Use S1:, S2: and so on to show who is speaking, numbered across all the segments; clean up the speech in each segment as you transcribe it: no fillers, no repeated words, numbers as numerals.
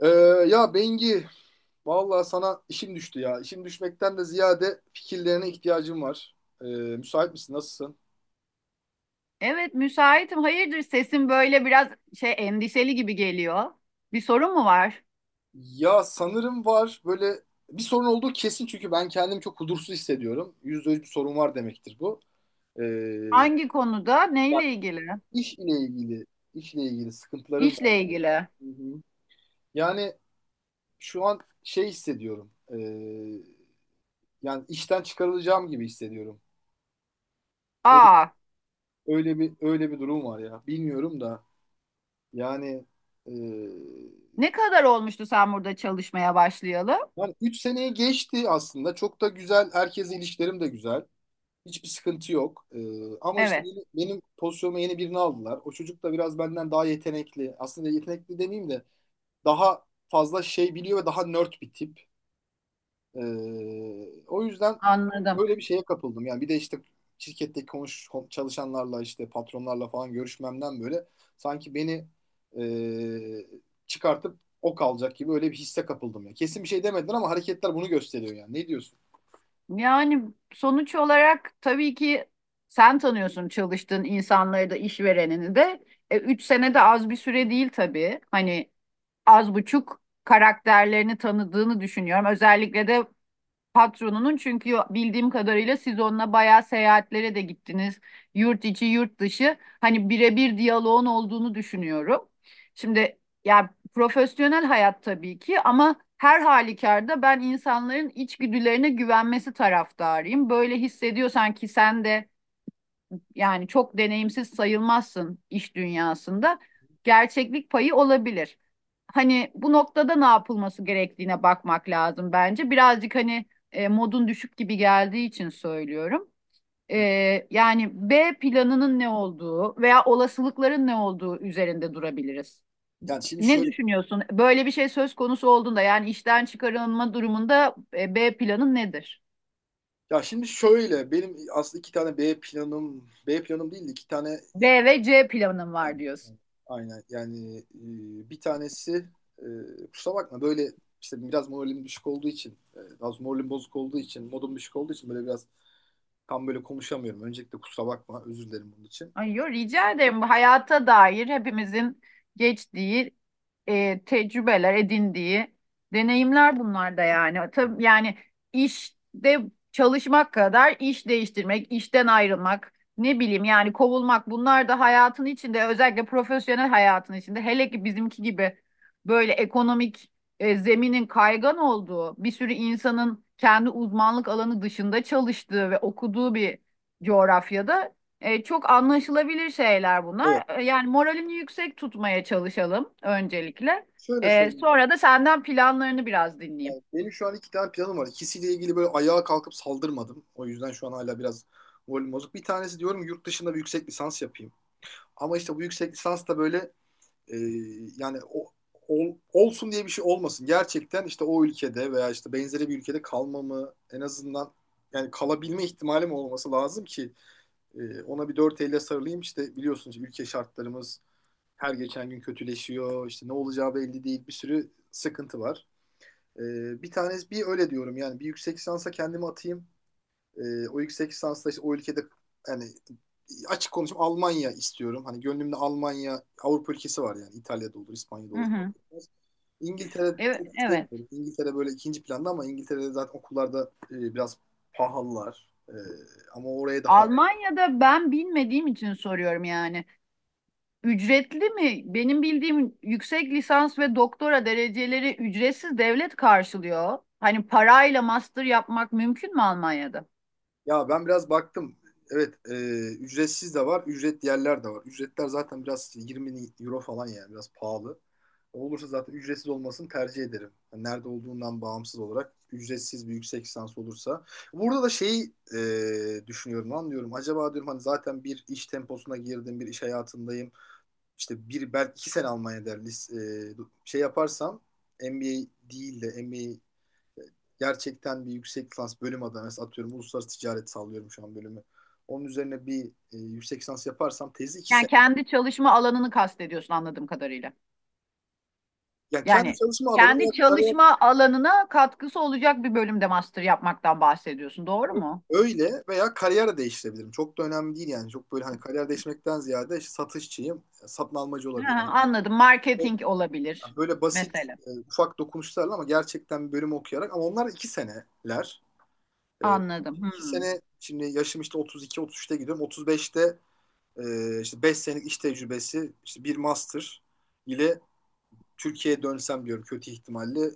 S1: Ee, ya Bengi, vallahi sana işim düştü ya. İşim düşmekten de ziyade fikirlerine ihtiyacım var. Müsait misin? Nasılsın?
S2: Evet, müsaitim. Hayırdır sesin böyle biraz şey endişeli gibi geliyor. Bir sorun mu var?
S1: Ya sanırım var. Böyle bir sorun olduğu kesin çünkü ben kendimi çok huzursuz hissediyorum. Yüzde yüz bir sorun var demektir bu. Ee,
S2: Hangi konuda? Neyle
S1: yani
S2: ilgili?
S1: iş ile ilgili, işle ilgili sıkıntılarım var.
S2: İşle ilgili.
S1: Hı hı. Yani şu an şey hissediyorum. Yani işten çıkarılacağım gibi hissediyorum. Öyle,
S2: Aa,
S1: öyle bir durum var ya. Bilmiyorum da. Yani e,
S2: ne kadar olmuştu sen burada çalışmaya başlayalı?
S1: yani 3 seneyi geçti aslında. Çok da güzel. Herkesle ilişkilerim de güzel. Hiçbir sıkıntı yok. Ama işte
S2: Evet,
S1: benim pozisyonuma yeni birini aldılar. O çocuk da biraz benden daha yetenekli. Aslında yetenekli demeyeyim de daha fazla şey biliyor ve daha nerd bir tip. O yüzden
S2: anladım.
S1: öyle bir şeye kapıldım. Yani bir de işte şirketteki çalışanlarla işte patronlarla falan görüşmemden böyle sanki beni e, çıkartıp ok alacak gibi öyle bir hisse kapıldım ya. Kesin bir şey demediler ama hareketler bunu gösteriyor yani. Ne diyorsun?
S2: Yani sonuç olarak tabii ki sen tanıyorsun çalıştığın insanları da işverenini de. 3 sene de az bir süre değil tabii. Hani az buçuk karakterlerini tanıdığını düşünüyorum. Özellikle de patronunun çünkü bildiğim kadarıyla siz onunla bayağı seyahatlere de gittiniz. Yurt içi, yurt dışı. Hani birebir diyaloğun olduğunu düşünüyorum. Şimdi ya profesyonel hayat tabii ki ama her halükarda ben insanların içgüdülerine güvenmesi taraftarıyım. Böyle hissediyorsan ki sen de yani çok deneyimsiz sayılmazsın iş dünyasında. Gerçeklik payı olabilir. Hani bu noktada ne yapılması gerektiğine bakmak lazım bence. Birazcık hani modun düşük gibi geldiği için söylüyorum. E, Yani B planının ne olduğu veya olasılıkların ne olduğu üzerinde durabiliriz.
S1: Yani şimdi
S2: Ne
S1: şöyle
S2: düşünüyorsun? Böyle bir şey söz konusu olduğunda yani işten çıkarılma durumunda B planın nedir?
S1: şimdi şöyle benim aslında iki tane B planım değil de iki tane.
S2: B ve C planın var
S1: Aynen.
S2: diyorsun.
S1: Aynen. Yani bir tanesi e, kusura bakma böyle işte biraz moralim düşük olduğu için biraz moralim bozuk olduğu için modum düşük olduğu için böyle biraz tam böyle konuşamıyorum. Öncelikle kusura bakma özür dilerim bunun için.
S2: Ay yo, rica ederim. Bu hayata dair hepimizin geçtiği tecrübeler, edindiği deneyimler bunlar da yani. Tabii yani işte çalışmak kadar iş değiştirmek, işten ayrılmak, ne bileyim yani kovulmak bunlar da hayatın içinde özellikle profesyonel hayatın içinde hele ki bizimki gibi böyle ekonomik zeminin kaygan olduğu bir sürü insanın kendi uzmanlık alanı dışında çalıştığı ve okuduğu bir coğrafyada çok anlaşılabilir şeyler
S1: Evet,
S2: bunlar. Yani moralini yüksek tutmaya çalışalım öncelikle.
S1: şöyle söyleyeyim.
S2: Sonra da senden planlarını biraz dinleyeyim.
S1: Yani benim şu an iki tane planım var. İkisiyle ilgili böyle ayağa kalkıp saldırmadım. O yüzden şu an hala biraz moralim bozuk. Bir tanesi diyorum yurt dışında bir yüksek lisans yapayım. Ama işte bu yüksek lisans da böyle. E, yani olsun diye bir şey olmasın. Gerçekten işte o ülkede veya işte benzeri bir ülkede kalmamı en azından yani kalabilme ihtimalim olması lazım ki ona bir dört elle sarılayım. İşte biliyorsunuz ülke şartlarımız her geçen gün kötüleşiyor. İşte ne olacağı belli değil. Bir sürü sıkıntı var. E, bir tanesi bir öyle diyorum yani bir yüksek lisansa kendimi atayım. O yüksek lisansla işte o ülkede yani açık konuşayım Almanya istiyorum. Hani gönlümde Almanya, Avrupa ülkesi var yani. İtalya'da olur, İspanya'da
S2: Hı
S1: olur. Fark
S2: hı.
S1: etmez. İngiltere
S2: Evet,
S1: çok
S2: evet.
S1: istemiyorum. İngiltere böyle ikinci planda ama İngiltere'de zaten okullarda biraz pahalılar. Ama oraya daha.
S2: Almanya'da ben bilmediğim için soruyorum yani. Ücretli mi? Benim bildiğim yüksek lisans ve doktora dereceleri ücretsiz devlet karşılıyor. Hani parayla master yapmak mümkün mü Almanya'da?
S1: Ya ben biraz baktım. Evet, ücretsiz de var, ücretli yerler de var. Ücretler zaten biraz 20 euro falan yani biraz pahalı. Olursa zaten ücretsiz olmasını tercih ederim. Yani nerede olduğundan bağımsız olarak ücretsiz bir yüksek lisans olursa. Burada da şeyi düşünüyorum, anlıyorum. Acaba diyorum hani zaten bir iş temposuna girdim, bir iş hayatındayım. İşte bir belki iki sene Almanya'da e, şey yaparsam MBA değil de MBA gerçekten bir yüksek lisans bölüm adına mesela atıyorum uluslararası ticaret sallıyorum şu an bölümü. Onun üzerine bir yüksek lisans yaparsam tezi iki
S2: Yani
S1: sene.
S2: kendi çalışma alanını kastediyorsun anladığım kadarıyla.
S1: Yani kendi
S2: Yani
S1: çalışma alanı veya
S2: kendi
S1: kariyer
S2: çalışma alanına katkısı olacak bir bölümde master yapmaktan bahsediyorsun, doğru mu?
S1: öyle veya kariyer de değiştirebilirim. Çok da önemli değil yani. Çok böyle hani kariyer değişmekten ziyade işte satışçıyım, satın almacı
S2: Ha,
S1: olabilirim.
S2: anladım. Marketing
S1: Yani
S2: olabilir
S1: böyle basit
S2: mesela.
S1: ufak dokunuşlarla ama gerçekten bir bölüm okuyarak ama onlar iki seneler. E,
S2: Anladım.
S1: iki
S2: Hmm.
S1: sene şimdi yaşım işte 32-33'te gidiyorum. 35'te, işte 5 senelik iş tecrübesi, işte bir master ile Türkiye'ye dönsem diyorum kötü ihtimalle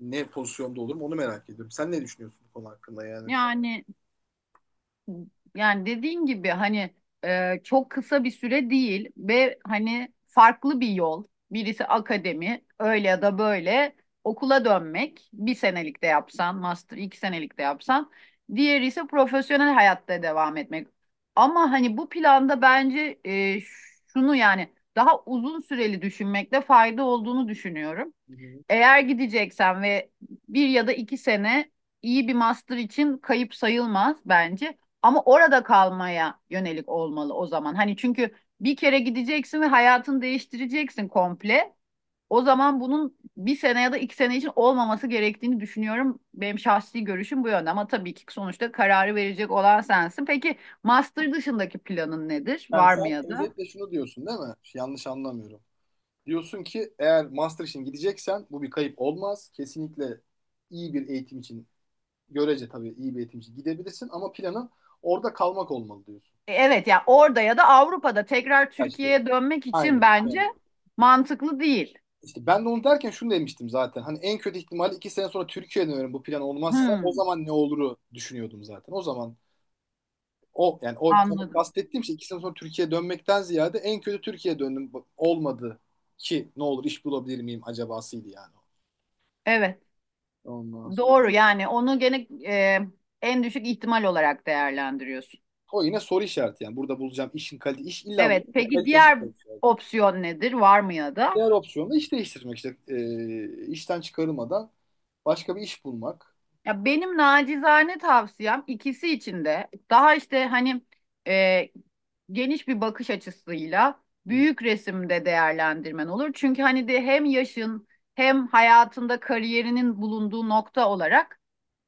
S1: ne pozisyonda olurum onu merak ediyorum. Sen ne düşünüyorsun bu konu hakkında yani?
S2: Yani Yani dediğin gibi hani çok kısa bir süre değil ve hani farklı bir yol. Birisi akademi, öyle ya da böyle okula dönmek. Bir senelik de yapsan, master iki senelik de yapsan. Diğeri ise profesyonel hayatta devam etmek. Ama hani bu planda bence şunu yani daha uzun süreli düşünmekte fayda olduğunu düşünüyorum.
S1: Hı hı.
S2: Eğer gideceksen ve bir ya da iki sene iyi bir master için kayıp sayılmaz bence. Ama orada kalmaya yönelik olmalı o zaman. Hani çünkü bir kere gideceksin ve hayatını değiştireceksin komple. O zaman bunun bir sene ya da iki sene için olmaması gerektiğini düşünüyorum. Benim şahsi görüşüm bu yönde ama tabii ki sonuçta kararı verecek olan sensin. Peki master dışındaki planın nedir?
S1: Yani
S2: Var
S1: sen
S2: mı ya da?
S1: özetle şunu diyorsun değil mi? Yanlış anlamıyorum. Diyorsun ki eğer master için gideceksen bu bir kayıp olmaz. Kesinlikle iyi bir eğitim için görece tabii iyi bir eğitim için gidebilirsin ama planın orada kalmak olmalı diyorsun.
S2: Evet ya orada ya da Avrupa'da tekrar
S1: Kaçtı.
S2: Türkiye'ye dönmek için
S1: Aynen.
S2: bence
S1: Yani
S2: mantıklı değil. Evet.
S1: İşte ben de onu derken şunu demiştim zaten. Hani en kötü ihtimalle iki sene sonra Türkiye'ye dönerim bu plan olmazsa o
S2: Hmm,
S1: zaman ne oluru düşünüyordum zaten. O zaman o yani o tam
S2: anladım.
S1: kastettiğim şey iki sene sonra Türkiye'ye dönmekten ziyade en kötü Türkiye'ye döndüm olmadı ki ne olur iş bulabilir miyim acabasıydı yani.
S2: Evet
S1: Ondan sonra
S2: doğru yani onu gene en düşük ihtimal olarak değerlendiriyorsun.
S1: o yine soru işareti yani burada bulacağım işin kalite iş illa
S2: Evet
S1: bulacağım da
S2: peki
S1: kalitesi
S2: diğer
S1: soru işareti.
S2: opsiyon nedir? Var mı ya da?
S1: Diğer opsiyon da iş değiştirmek işte. İşten çıkarılmadan başka bir iş bulmak.
S2: Ya benim nacizane tavsiyem ikisi için de daha işte hani e, geniş bir bakış açısıyla
S1: Hı hı.
S2: büyük resimde değerlendirmen olur. Çünkü hani de hem yaşın hem hayatında kariyerinin bulunduğu nokta olarak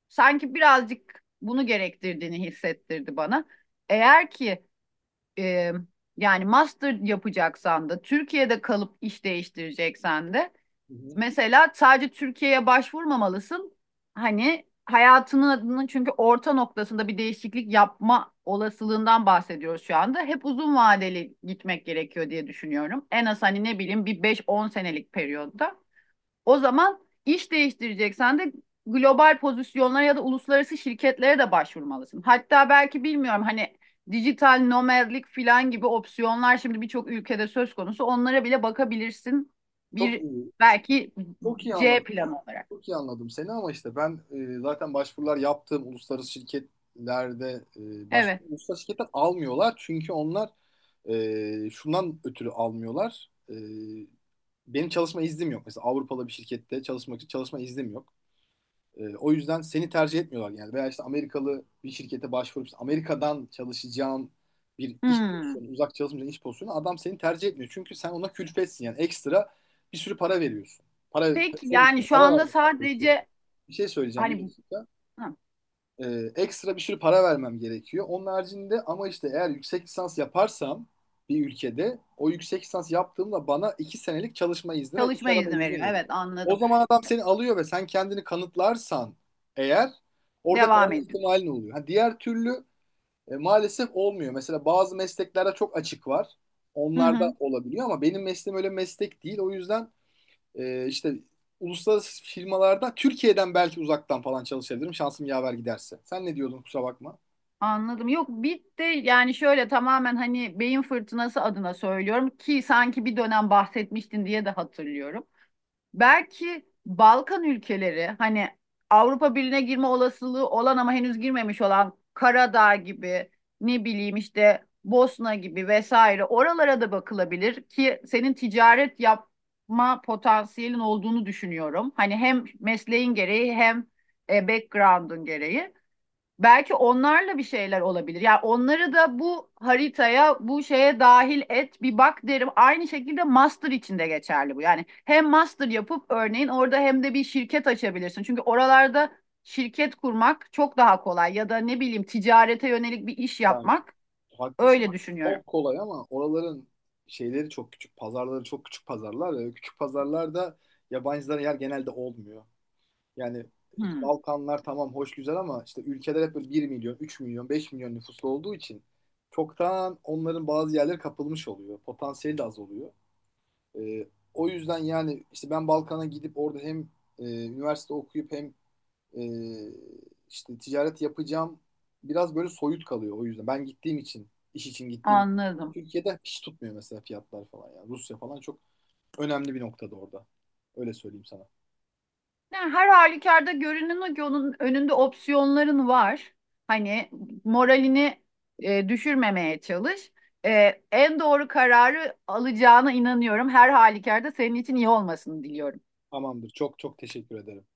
S2: sanki birazcık bunu gerektirdiğini hissettirdi bana. Eğer ki e, yani master yapacaksan da Türkiye'de kalıp iş değiştireceksen de
S1: Hı hı.
S2: mesela sadece Türkiye'ye başvurmamalısın. Hani hayatının adının çünkü orta noktasında bir değişiklik yapma olasılığından bahsediyoruz şu anda. Hep uzun vadeli gitmek gerekiyor diye düşünüyorum. En az hani ne bileyim bir 5-10 senelik periyotta. O zaman iş değiştireceksen de global pozisyonlara ya da uluslararası şirketlere de başvurmalısın. Hatta belki bilmiyorum hani dijital nomadlik falan gibi opsiyonlar şimdi birçok ülkede söz konusu. Onlara bile bakabilirsin.
S1: Çok
S2: Bir
S1: iyi.
S2: belki
S1: Çok iyi
S2: C
S1: anladım.
S2: planı olarak.
S1: Çok iyi anladım seni ama işte ben zaten başvurular yaptığım uluslararası şirketlerde
S2: Evet.
S1: uluslararası şirketler almıyorlar. Çünkü onlar şundan ötürü almıyorlar. Benim çalışma iznim yok. Mesela Avrupalı bir şirkette çalışmak için çalışma iznim yok. O yüzden seni tercih etmiyorlar yani. Veya işte Amerikalı bir şirkete başvurup işte Amerika'dan çalışacağım bir iş
S2: Hmm.
S1: pozisyonu, uzak çalışmayacağın iş pozisyonu adam seni tercih etmiyor. Çünkü sen ona külfetsin yani ekstra bir sürü para veriyorsun. Para,
S2: Peki
S1: senin
S2: yani
S1: için
S2: şu
S1: para
S2: anda
S1: vermek gerekiyor.
S2: sadece
S1: Bir şey söyleyeceğim bir
S2: hani
S1: dakika.
S2: hı,
S1: Ekstra bir sürü para vermem gerekiyor. Onun haricinde ama işte eğer yüksek lisans yaparsam bir ülkede o yüksek lisans yaptığımda bana iki senelik çalışma izni ve iş
S2: çalışma
S1: arama
S2: izni
S1: izni
S2: veriyor.
S1: veriyor.
S2: Evet,
S1: O
S2: anladım.
S1: zaman adam seni alıyor ve sen kendini kanıtlarsan eğer orada
S2: Devam
S1: kalma
S2: ediyoruz.
S1: ihtimalin oluyor. Ha, diğer türlü maalesef olmuyor. Mesela bazı mesleklerde çok açık var.
S2: Hı
S1: Onlarda
S2: hı.
S1: olabiliyor ama benim mesleğim öyle meslek değil. O yüzden işte uluslararası firmalarda Türkiye'den belki uzaktan falan çalışabilirim. Şansım yaver giderse. Sen ne diyordun kusura bakma.
S2: Anladım. Yok bit de yani şöyle tamamen hani beyin fırtınası adına söylüyorum ki sanki bir dönem bahsetmiştin diye de hatırlıyorum. Belki Balkan ülkeleri hani Avrupa Birliği'ne girme olasılığı olan ama henüz girmemiş olan Karadağ gibi ne bileyim işte Bosna gibi vesaire oralara da bakılabilir ki senin ticaret yapma potansiyelin olduğunu düşünüyorum. Hani hem mesleğin gereği hem background'un gereği. Belki onlarla bir şeyler olabilir. Yani onları da bu haritaya, bu şeye dahil et, bir bak derim. Aynı şekilde master için de geçerli bu. Yani hem master yapıp örneğin orada hem de bir şirket açabilirsin. Çünkü oralarda şirket kurmak çok daha kolay ya da ne bileyim ticarete yönelik bir iş
S1: Yani
S2: yapmak.
S1: haklısın.
S2: Öyle düşünüyorum.
S1: Çok kolay ama oraların şeyleri çok küçük. Pazarları çok küçük pazarlar ve küçük pazarlarda yabancılara yer genelde olmuyor. Yani işte
S2: Hmm,
S1: Balkanlar tamam hoş güzel ama işte ülkeler hep böyle 1 milyon, 3 milyon, 5 milyon nüfuslu olduğu için çoktan onların bazı yerleri kapılmış oluyor. Potansiyeli de az oluyor. E, o yüzden yani işte ben Balkan'a gidip orada hem üniversite okuyup hem e, işte ticaret yapacağım biraz böyle soyut kalıyor o yüzden. Ben gittiğim için, iş için gittiğim
S2: anladım.
S1: Türkiye'de hiç tutmuyor mesela fiyatlar falan yani. Rusya falan çok önemli bir noktada orada. Öyle söyleyeyim sana.
S2: Yani her halükarda görünen o ki önünde opsiyonların var. Hani moralini düşürmemeye çalış. En doğru kararı alacağına inanıyorum. Her halükarda senin için iyi olmasını diliyorum.
S1: Tamamdır. Çok çok teşekkür ederim.